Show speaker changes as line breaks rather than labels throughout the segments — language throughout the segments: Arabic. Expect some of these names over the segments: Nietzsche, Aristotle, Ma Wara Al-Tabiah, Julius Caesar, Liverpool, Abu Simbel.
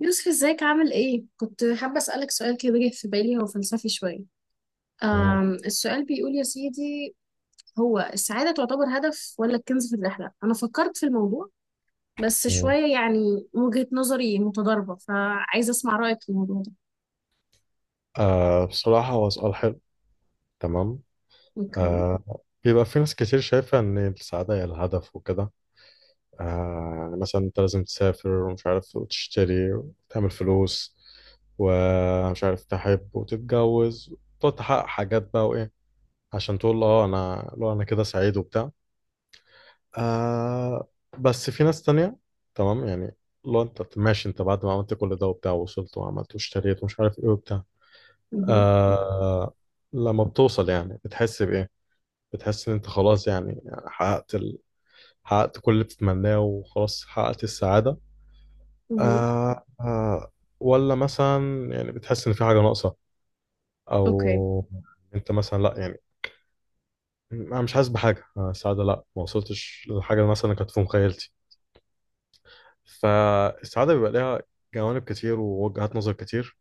يوسف، ازيك عامل ايه؟ كنت حابة أسألك سؤال كده جه في بالي، هو فلسفي شوية.
مم.
السؤال بيقول يا سيدي: هو السعادة تعتبر هدف ولا الكنز في الرحلة؟ أنا فكرت في الموضوع بس
مم.
شوية، يعني وجهة نظري متضاربة، فعايزة أسمع رأيك في الموضوع ده.
بصراحة هو سؤال حلو. تمام.
اوكي.
آه. بيبقى في ناس كتير شايفة إن السعادة هي الهدف وكده. يعني مثلا أنت لازم تسافر ومش عارف وتشتري وتعمل فلوس ومش عارف تحب وتتجوز وتقعد تحقق حاجات بقى وإيه عشان تقول أه أنا لو أنا كده سعيد وبتاع. آه. بس في ناس تانية، تمام يعني، لو أنت ماشي أنت بعد ما عملت كل ده وبتاع ووصلت وعملت واشتريت ومش عارف إيه وبتاع،
مهم.
آه لما بتوصل يعني بتحس بإيه؟ بتحس إن أنت خلاص يعني حققت حققت كل اللي بتتمناه وخلاص حققت السعادة.
مهم.
آه، آه. ولا مثلا يعني بتحس إن في حاجة ناقصة
اوكي.
أو أنت مثلا لأ، يعني أنا مش حاسس بحاجة. السعادة لأ، ما وصلتش للحاجة مثلا كانت في مخيلتي. فالسعادة بيبقى ليها جوانب كتير ووجهات نظر كتير.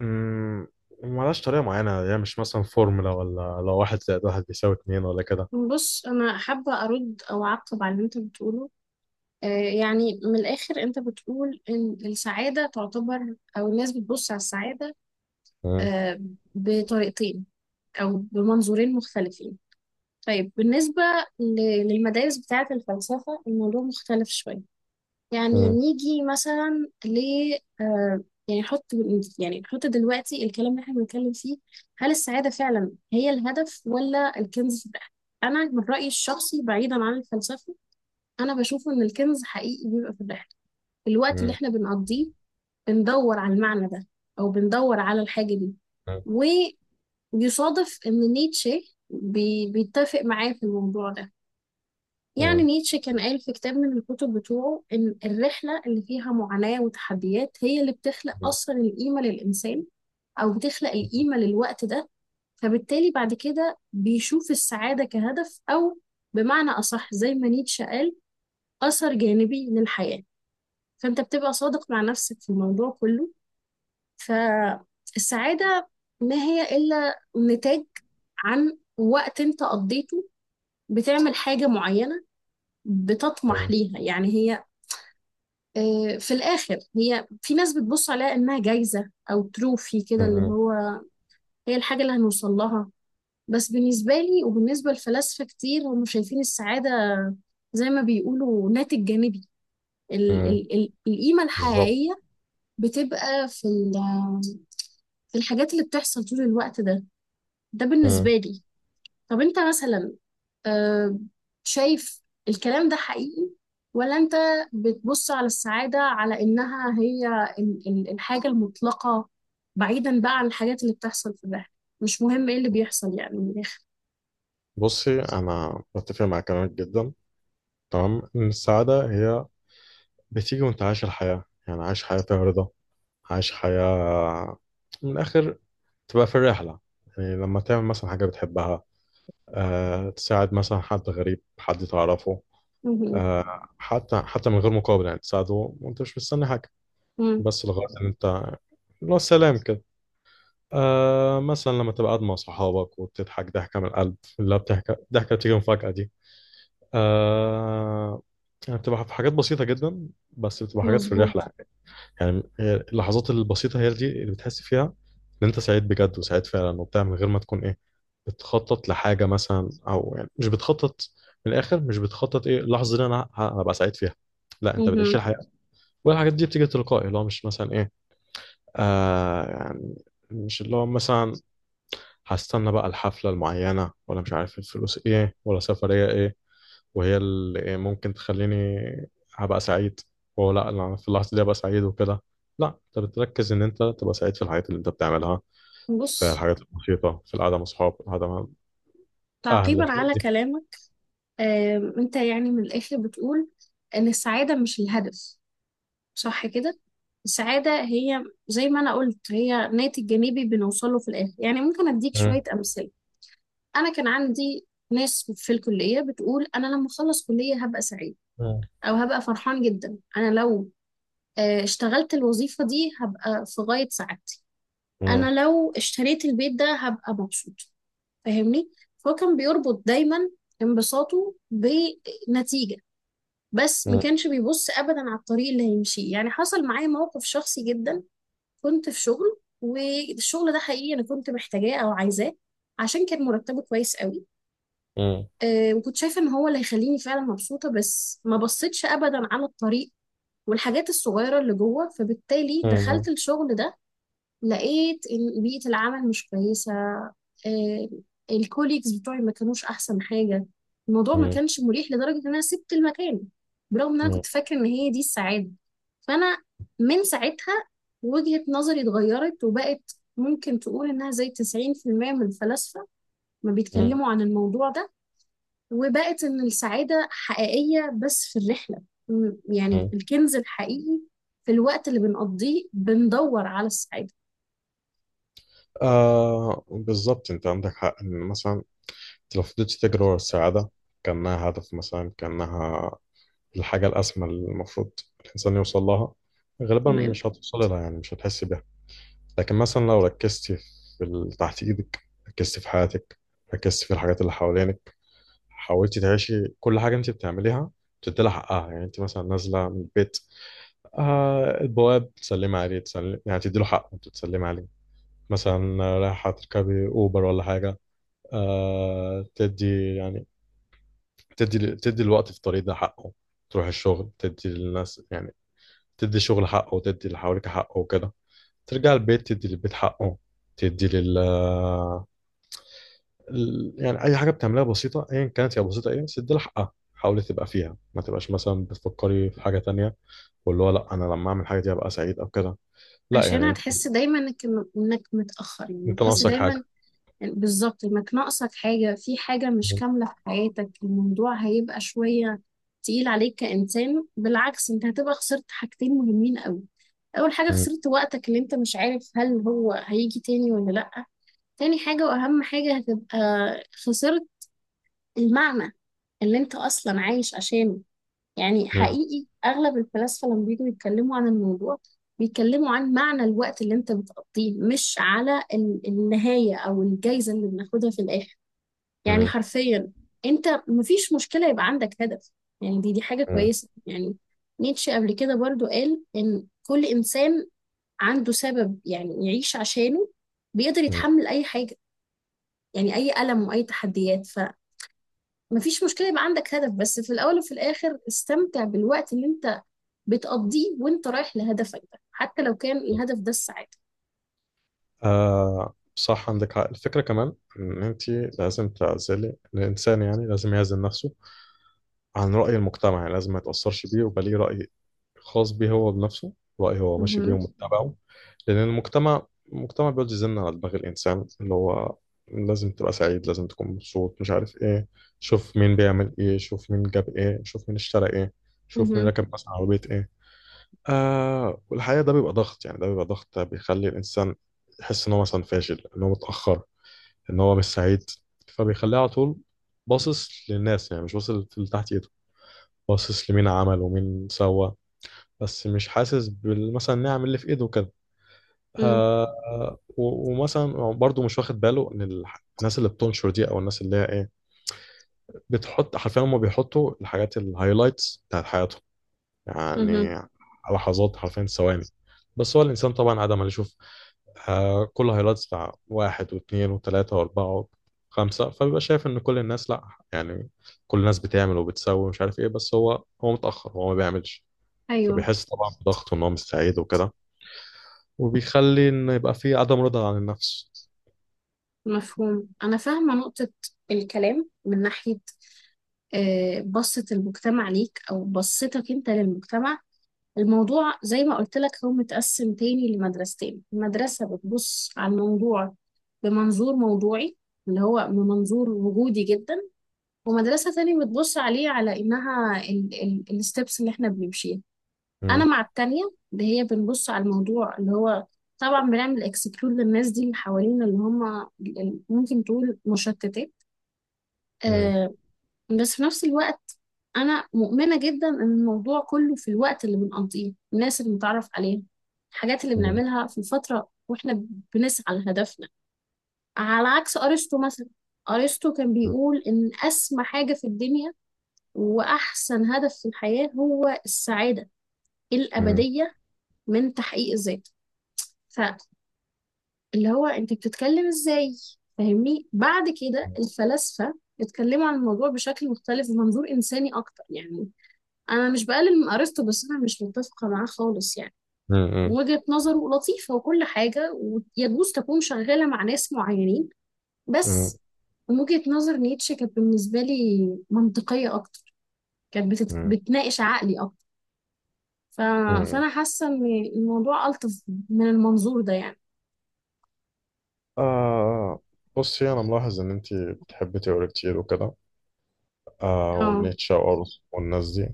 مم، وملهاش طريقة معينة يعني مش مثلا فورمولا ولا لو واحد زائد واحد بيساوي اتنين ولا
بص، أنا حابة أرد أو أعقب على اللي أنت بتقوله. آه، يعني من الآخر أنت بتقول إن السعادة تعتبر، أو الناس بتبص على السعادة
كده.
آه، بطريقتين أو بمنظورين مختلفين. طيب، بالنسبة للمدارس بتاعة الفلسفة الموضوع مختلف شوية. يعني
مم.
نيجي مثلا ل آه، يعني نحط يعني نحط دلوقتي الكلام اللي احنا بنتكلم فيه: هل السعادة فعلا هي الهدف ولا الكنز في الرحلة؟ أنا من رأيي الشخصي، بعيدا عن الفلسفة، أنا بشوف إن الكنز حقيقي بيبقى في الرحلة، في الوقت اللي
مم.
احنا بنقضيه بندور على المعنى ده، أو بندور على الحاجة دي.
مم.
يصادف إن نيتشه بيتفق معاه في الموضوع ده. يعني
مم.
نيتشه كان قال في كتاب من الكتب بتوعه إن الرحلة اللي فيها معاناة وتحديات هي اللي بتخلق
مم.
أصلا القيمة للإنسان، أو بتخلق القيمة للوقت ده. فبالتالي بعد كده بيشوف السعادة كهدف، أو بمعنى أصح زي ما نيتشه قال، أثر جانبي للحياة. فأنت بتبقى صادق مع نفسك في الموضوع كله. فالسعادة ما هي إلا نتاج عن وقت انت قضيته، بتعمل حاجة معينة بتطمح ليها. يعني هي، في الآخر، هي في ناس بتبص عليها إنها جايزة أو تروفي كده، اللي
مم.
هو هي الحاجة اللي هنوصل لها. بس بالنسبة لي وبالنسبة لفلاسفة كتير، هم شايفين السعادة زي ما بيقولوا ناتج جانبي. ال
مم.
ال ال القيمة
بالظبط.
الحقيقية بتبقى في الحاجات اللي بتحصل طول الوقت ده. ده بالنسبة
مم.
لي. طب أنت مثلا، أه شايف الكلام ده حقيقي، ولا انت بتبص على السعادة على انها هي الحاجة المطلقة، بعيدا بقى عن الحاجات اللي بتحصل في الرحلة؟ مش مهم ايه اللي بيحصل، يعني من الاخر.
بصي انا بتفق مع كلامك جدا، تمام. ان السعاده هي بتيجي وانت عايش الحياه، يعني عايش حياه فيها رضا، عايش حياه من الاخر تبقى في الرحله. يعني لما تعمل مثلا حاجه بتحبها، أه تساعد مثلا حد غريب حد تعرفه،
مهم.
أه حتى حتى من غير مقابل يعني تساعده وانت مش مستني حاجه،
مم.
بس لغايه ان انت اللي هو السلام كده. آه مثلا لما تبقى قاعد مع صحابك وبتضحك ضحكة من القلب اللي هي بتحكي ضحكة بتيجي مفاجأة دي. آه يعني بتبقى في حاجات بسيطة جدا بس بتبقى حاجات في
مظبوط.
الرحلة. يعني اللحظات البسيطة هي دي اللي بتحس فيها إن أنت سعيد بجد وسعيد فعلا وبتاع من غير ما تكون إيه بتخطط لحاجة مثلا، أو يعني مش بتخطط، من الآخر مش بتخطط إيه اللحظة دي أنا هبقى سعيد فيها، لا أنت بتعيش
مهم.
الحياة. والحاجات دي بتيجي تلقائي اللي هو مش مثلا إيه، آه يعني مش اللي هو مثلا هستنى بقى الحفلة المعينة ولا مش عارف الفلوس ايه ولا سفرية ايه وهي اللي إيه ممكن تخليني هبقى سعيد. وهو لا أنا في اللحظة دي هبقى سعيد وكده، لا انت بتركز ان انت تبقى سعيد في الحاجات اللي انت بتعملها، في
بص،
الحاجات البسيطة، في القعدة مع اصحاب، القعدة مع اهل،
تعقيبا
الحاجات
على
دي.
كلامك، انت يعني من الاخر بتقول ان السعادة مش الهدف، صح كده؟ السعادة هي زي ما انا قلت، هي ناتج جانبي بنوصله في الاخر. يعني ممكن اديك
مم.
شوية امثلة: انا كان عندي ناس في الكليه بتقول انا لما اخلص كليه هبقى سعيد،
مم.
او هبقى فرحان جدا، انا لو اشتغلت الوظيفه دي هبقى في غايه سعادتي،
مم.
انا لو اشتريت البيت ده هبقى مبسوط. فاهمني؟ فهو كان بيربط دايما انبساطه بنتيجه، بس ما
مم.
كانش بيبص ابدا على الطريق اللي هيمشيه. يعني حصل معايا موقف شخصي جدا: كنت في شغل، والشغل ده حقيقي انا كنت محتاجاه او عايزاه عشان كان مرتبه كويس قوي،
مم.
وكنت شايفة ان هو اللي هيخليني فعلا مبسوطة، بس ما بصيتش ابدا على الطريق والحاجات الصغيرة اللي جوه. فبالتالي دخلت
مم.
الشغل ده، لقيت ان بيئة العمل مش كويسة، آه، الكوليكس بتوعي ما كانوش احسن حاجة، الموضوع ما
مم.
كانش مريح لدرجة ان انا سبت المكان، برغم ان انا
مم.
كنت فاكرة ان هي دي السعادة. فانا من ساعتها وجهة نظري اتغيرت، وبقت ممكن تقول انها زي 90% من الفلاسفة ما
مم.
بيتكلموا عن الموضوع ده، وبقت إن السعادة حقيقية بس في الرحلة، يعني
مم.
الكنز الحقيقي في الوقت اللي بنقضيه بندور على السعادة.
آه، بالظبط انت عندك حق. ان مثلا انت لو فضلت تجري ورا السعادة كأنها هدف، مثلا كأنها الحاجة الأسمى اللي المفروض الإنسان يوصل لها، غالبا
تمام.
مش هتوصل لها يعني مش هتحس بيها. لكن مثلا لو ركزتي في اللي تحت إيدك، ركزتي في حياتك، ركزتي في الحاجات اللي حوالينك، حاولتي تعيشي كل حاجة أنت بتعمليها، تدي لها حقها. يعني أنت مثلا نازلة من البيت، آه البواب تسلمي عليه، تسلمي يعني تدي له حقه أنت تسلمي عليه. مثلا رايحة تركبي أوبر ولا حاجة، آه تدي يعني تدي الوقت في الطريق ده حقه. تروح الشغل تدي للناس، يعني تدي شغل حقه وتدي اللي حواليك حقه وكده. ترجع البيت تدي للبيت حقه، تدي يعني اي حاجه بتعملها بسيطه ايا كانت هي بسيطه ايه بس تدي لها حقها، حاولي تبقى فيها ما تبقاش مثلا بتفكري في حاجه تانية. واللي هو لا انا لما اعمل حاجه دي هبقى سعيد او كده، لا
عشان
يعني انت
هتحس دايما انك متأخر، يعني
انت
هتحس
ناقصك فاهمة حاجه.
دايما بالظبط انك ناقصك حاجة، في حاجة مش
م-
كاملة في حياتك، الموضوع هيبقى شوية تقيل عليك كإنسان. بالعكس، انت هتبقى خسرت حاجتين مهمين قوي: اول حاجة
م-
خسرت وقتك اللي انت مش عارف هل هو هيجي تاني ولا لأ، تاني حاجة وأهم حاجة هتبقى خسرت المعنى اللي انت اصلا عايش عشانه. يعني
م-
حقيقي اغلب الفلاسفه لما بييجوا يتكلموا عن الموضوع بيتكلموا عن معنى الوقت اللي انت بتقضيه، مش على النهايه او الجايزه اللي بناخدها في الاخر. يعني
م-
حرفيا، انت مفيش مشكله يبقى عندك هدف، يعني دي حاجه
م-
كويسه. يعني نيتشه قبل كده برضو قال ان كل انسان عنده سبب يعني يعيش عشانه بيقدر
م-
يتحمل اي حاجه، يعني اي الم واي تحديات. مفيش مشكلة يبقى عندك هدف، بس في الأول وفي الآخر استمتع بالوقت اللي أنت بتقضيه وأنت رايح لهدفك ده، حتى لو كان
م.
الهدف ده السعادة.
آه صح عندك حق. الفكره كمان ان انت لازم تعزلي الانسان، يعني لازم يعزل نفسه عن راي المجتمع، يعني لازم ما يتاثرش بيه ويبقى ليه راي خاص بيه هو بنفسه، رأيه هو ماشي بيه
مهم.
ومتبعه. لأن المجتمع بيقعد يزن على دماغ الإنسان اللي هو لازم تبقى سعيد، لازم تكون مبسوط، مش عارف إيه. شوف مين بيعمل إيه، شوف مين جاب إيه، شوف مين اشترى إيه، شوف مين
مهم.
ركب مثلا عربية إيه. آه والحقيقة ده بيبقى ضغط، يعني ده بيبقى ضغط بيخلي الإنسان يحس إن هو مثلا فاشل، إن هو متأخر، إن هو مش سعيد. فبيخليه على طول باصص للناس، يعني مش باصص اللي تحت إيده، باصص لمين عمل ومين سوى، بس مش حاسس مثلا نعم اللي في ايده وكده.
مم.
آه و- ومثلا برضو مش واخد باله ان الناس اللي بتنشر دي او الناس اللي هي ايه بتحط حرفيا، هم بيحطوا الحاجات الهايلايتس بتاعت حياتهم
مهم.
يعني لحظات حرفيا ثواني. بس هو الانسان طبعا عادة ما يشوف آه كل هايلايتس بتاع واحد واثنين وثلاثة واربعة وخمسة، فبيبقى شايف ان كل الناس، لا يعني كل الناس بتعمل وبتسوي ومش عارف ايه، بس هو متأخر هو ما بيعملش.
أيوه.
فبيحس طبعا بضغط ان هو مش سعيد وكده، وبيخلي ان يبقى فيه عدم رضا عن النفس.
مفهوم. أنا فاهمة نقطة الكلام، من ناحية بصة المجتمع ليك أو بصتك أنت للمجتمع. الموضوع زي ما قلت لك هو متقسم تاني لمدرستين: المدرسة بتبص على الموضوع بمنظور موضوعي، اللي هو من منظور وجودي جدا، ومدرسة تانية بتبص عليه على إنها ال الستبس اللي إحنا بنمشيها. أنا
مم.
مع التانية، اللي هي بنبص على الموضوع اللي هو، طبعا بنعمل اكسكلود للناس دي اللي حوالينا، اللي هم ممكن تقول مشتتات.
مم.
آه بس في نفس الوقت، أنا مؤمنة جدا إن الموضوع كله في الوقت اللي بنقضيه، الناس اللي بنتعرف عليها، الحاجات اللي
مم.
بنعملها في الفترة وإحنا بنسعى لهدفنا. على عكس أرسطو مثلا، أرسطو كان بيقول إن أسمى حاجة في الدنيا وأحسن هدف في الحياة هو السعادة
مم.
الأبدية من تحقيق الذات، فاللي هو أنت بتتكلم إزاي. فاهمني؟ بعد كده الفلاسفة اتكلموا عن الموضوع بشكل مختلف ومنظور إنساني أكتر. يعني أنا مش بقلل من أرسطو، بس أنا مش متفقة معاه خالص. يعني
مم. مم.
وجهة نظره لطيفة وكل حاجة، ويجوز تكون شغالة مع ناس معينين،
مم.
بس من وجهة نظر نيتشه كانت بالنسبة لي منطقية أكتر، كانت بتناقش عقلي أكتر. ف...
مم.
فانا حاسه ان الموضوع الطف من المنظور ده يعني.
آه بصي انا ملاحظ ان انت بتحبي تقري كتير وكده، آه
اه.
ونيتشه وارث والناس دي.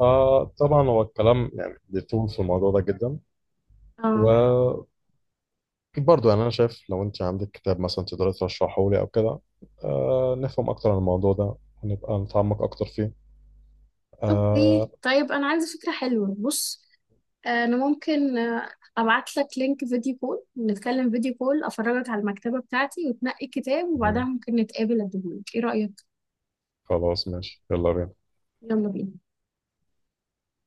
آه طبعا هو الكلام يعني بيطول في الموضوع ده جدا،
اه.
وبرضه يعني انا شايف لو انت عندك كتاب مثلا تقدري ترشحه لي او كده، آه نفهم اكتر عن الموضوع ده ونبقى نتعمق اكتر فيه. آه.
اوكي، طيب انا عندي فكره حلوه، بص: انا ممكن ابعت لك لينك فيديو كول، نتكلم فيديو كول، افرجك على المكتبه بتاعتي وتنقي كتاب، وبعدها
مم.
ممكن نتقابل اديهولك. ايه رايك؟
خلاص ماشي يلا بينا.
يلا بينا.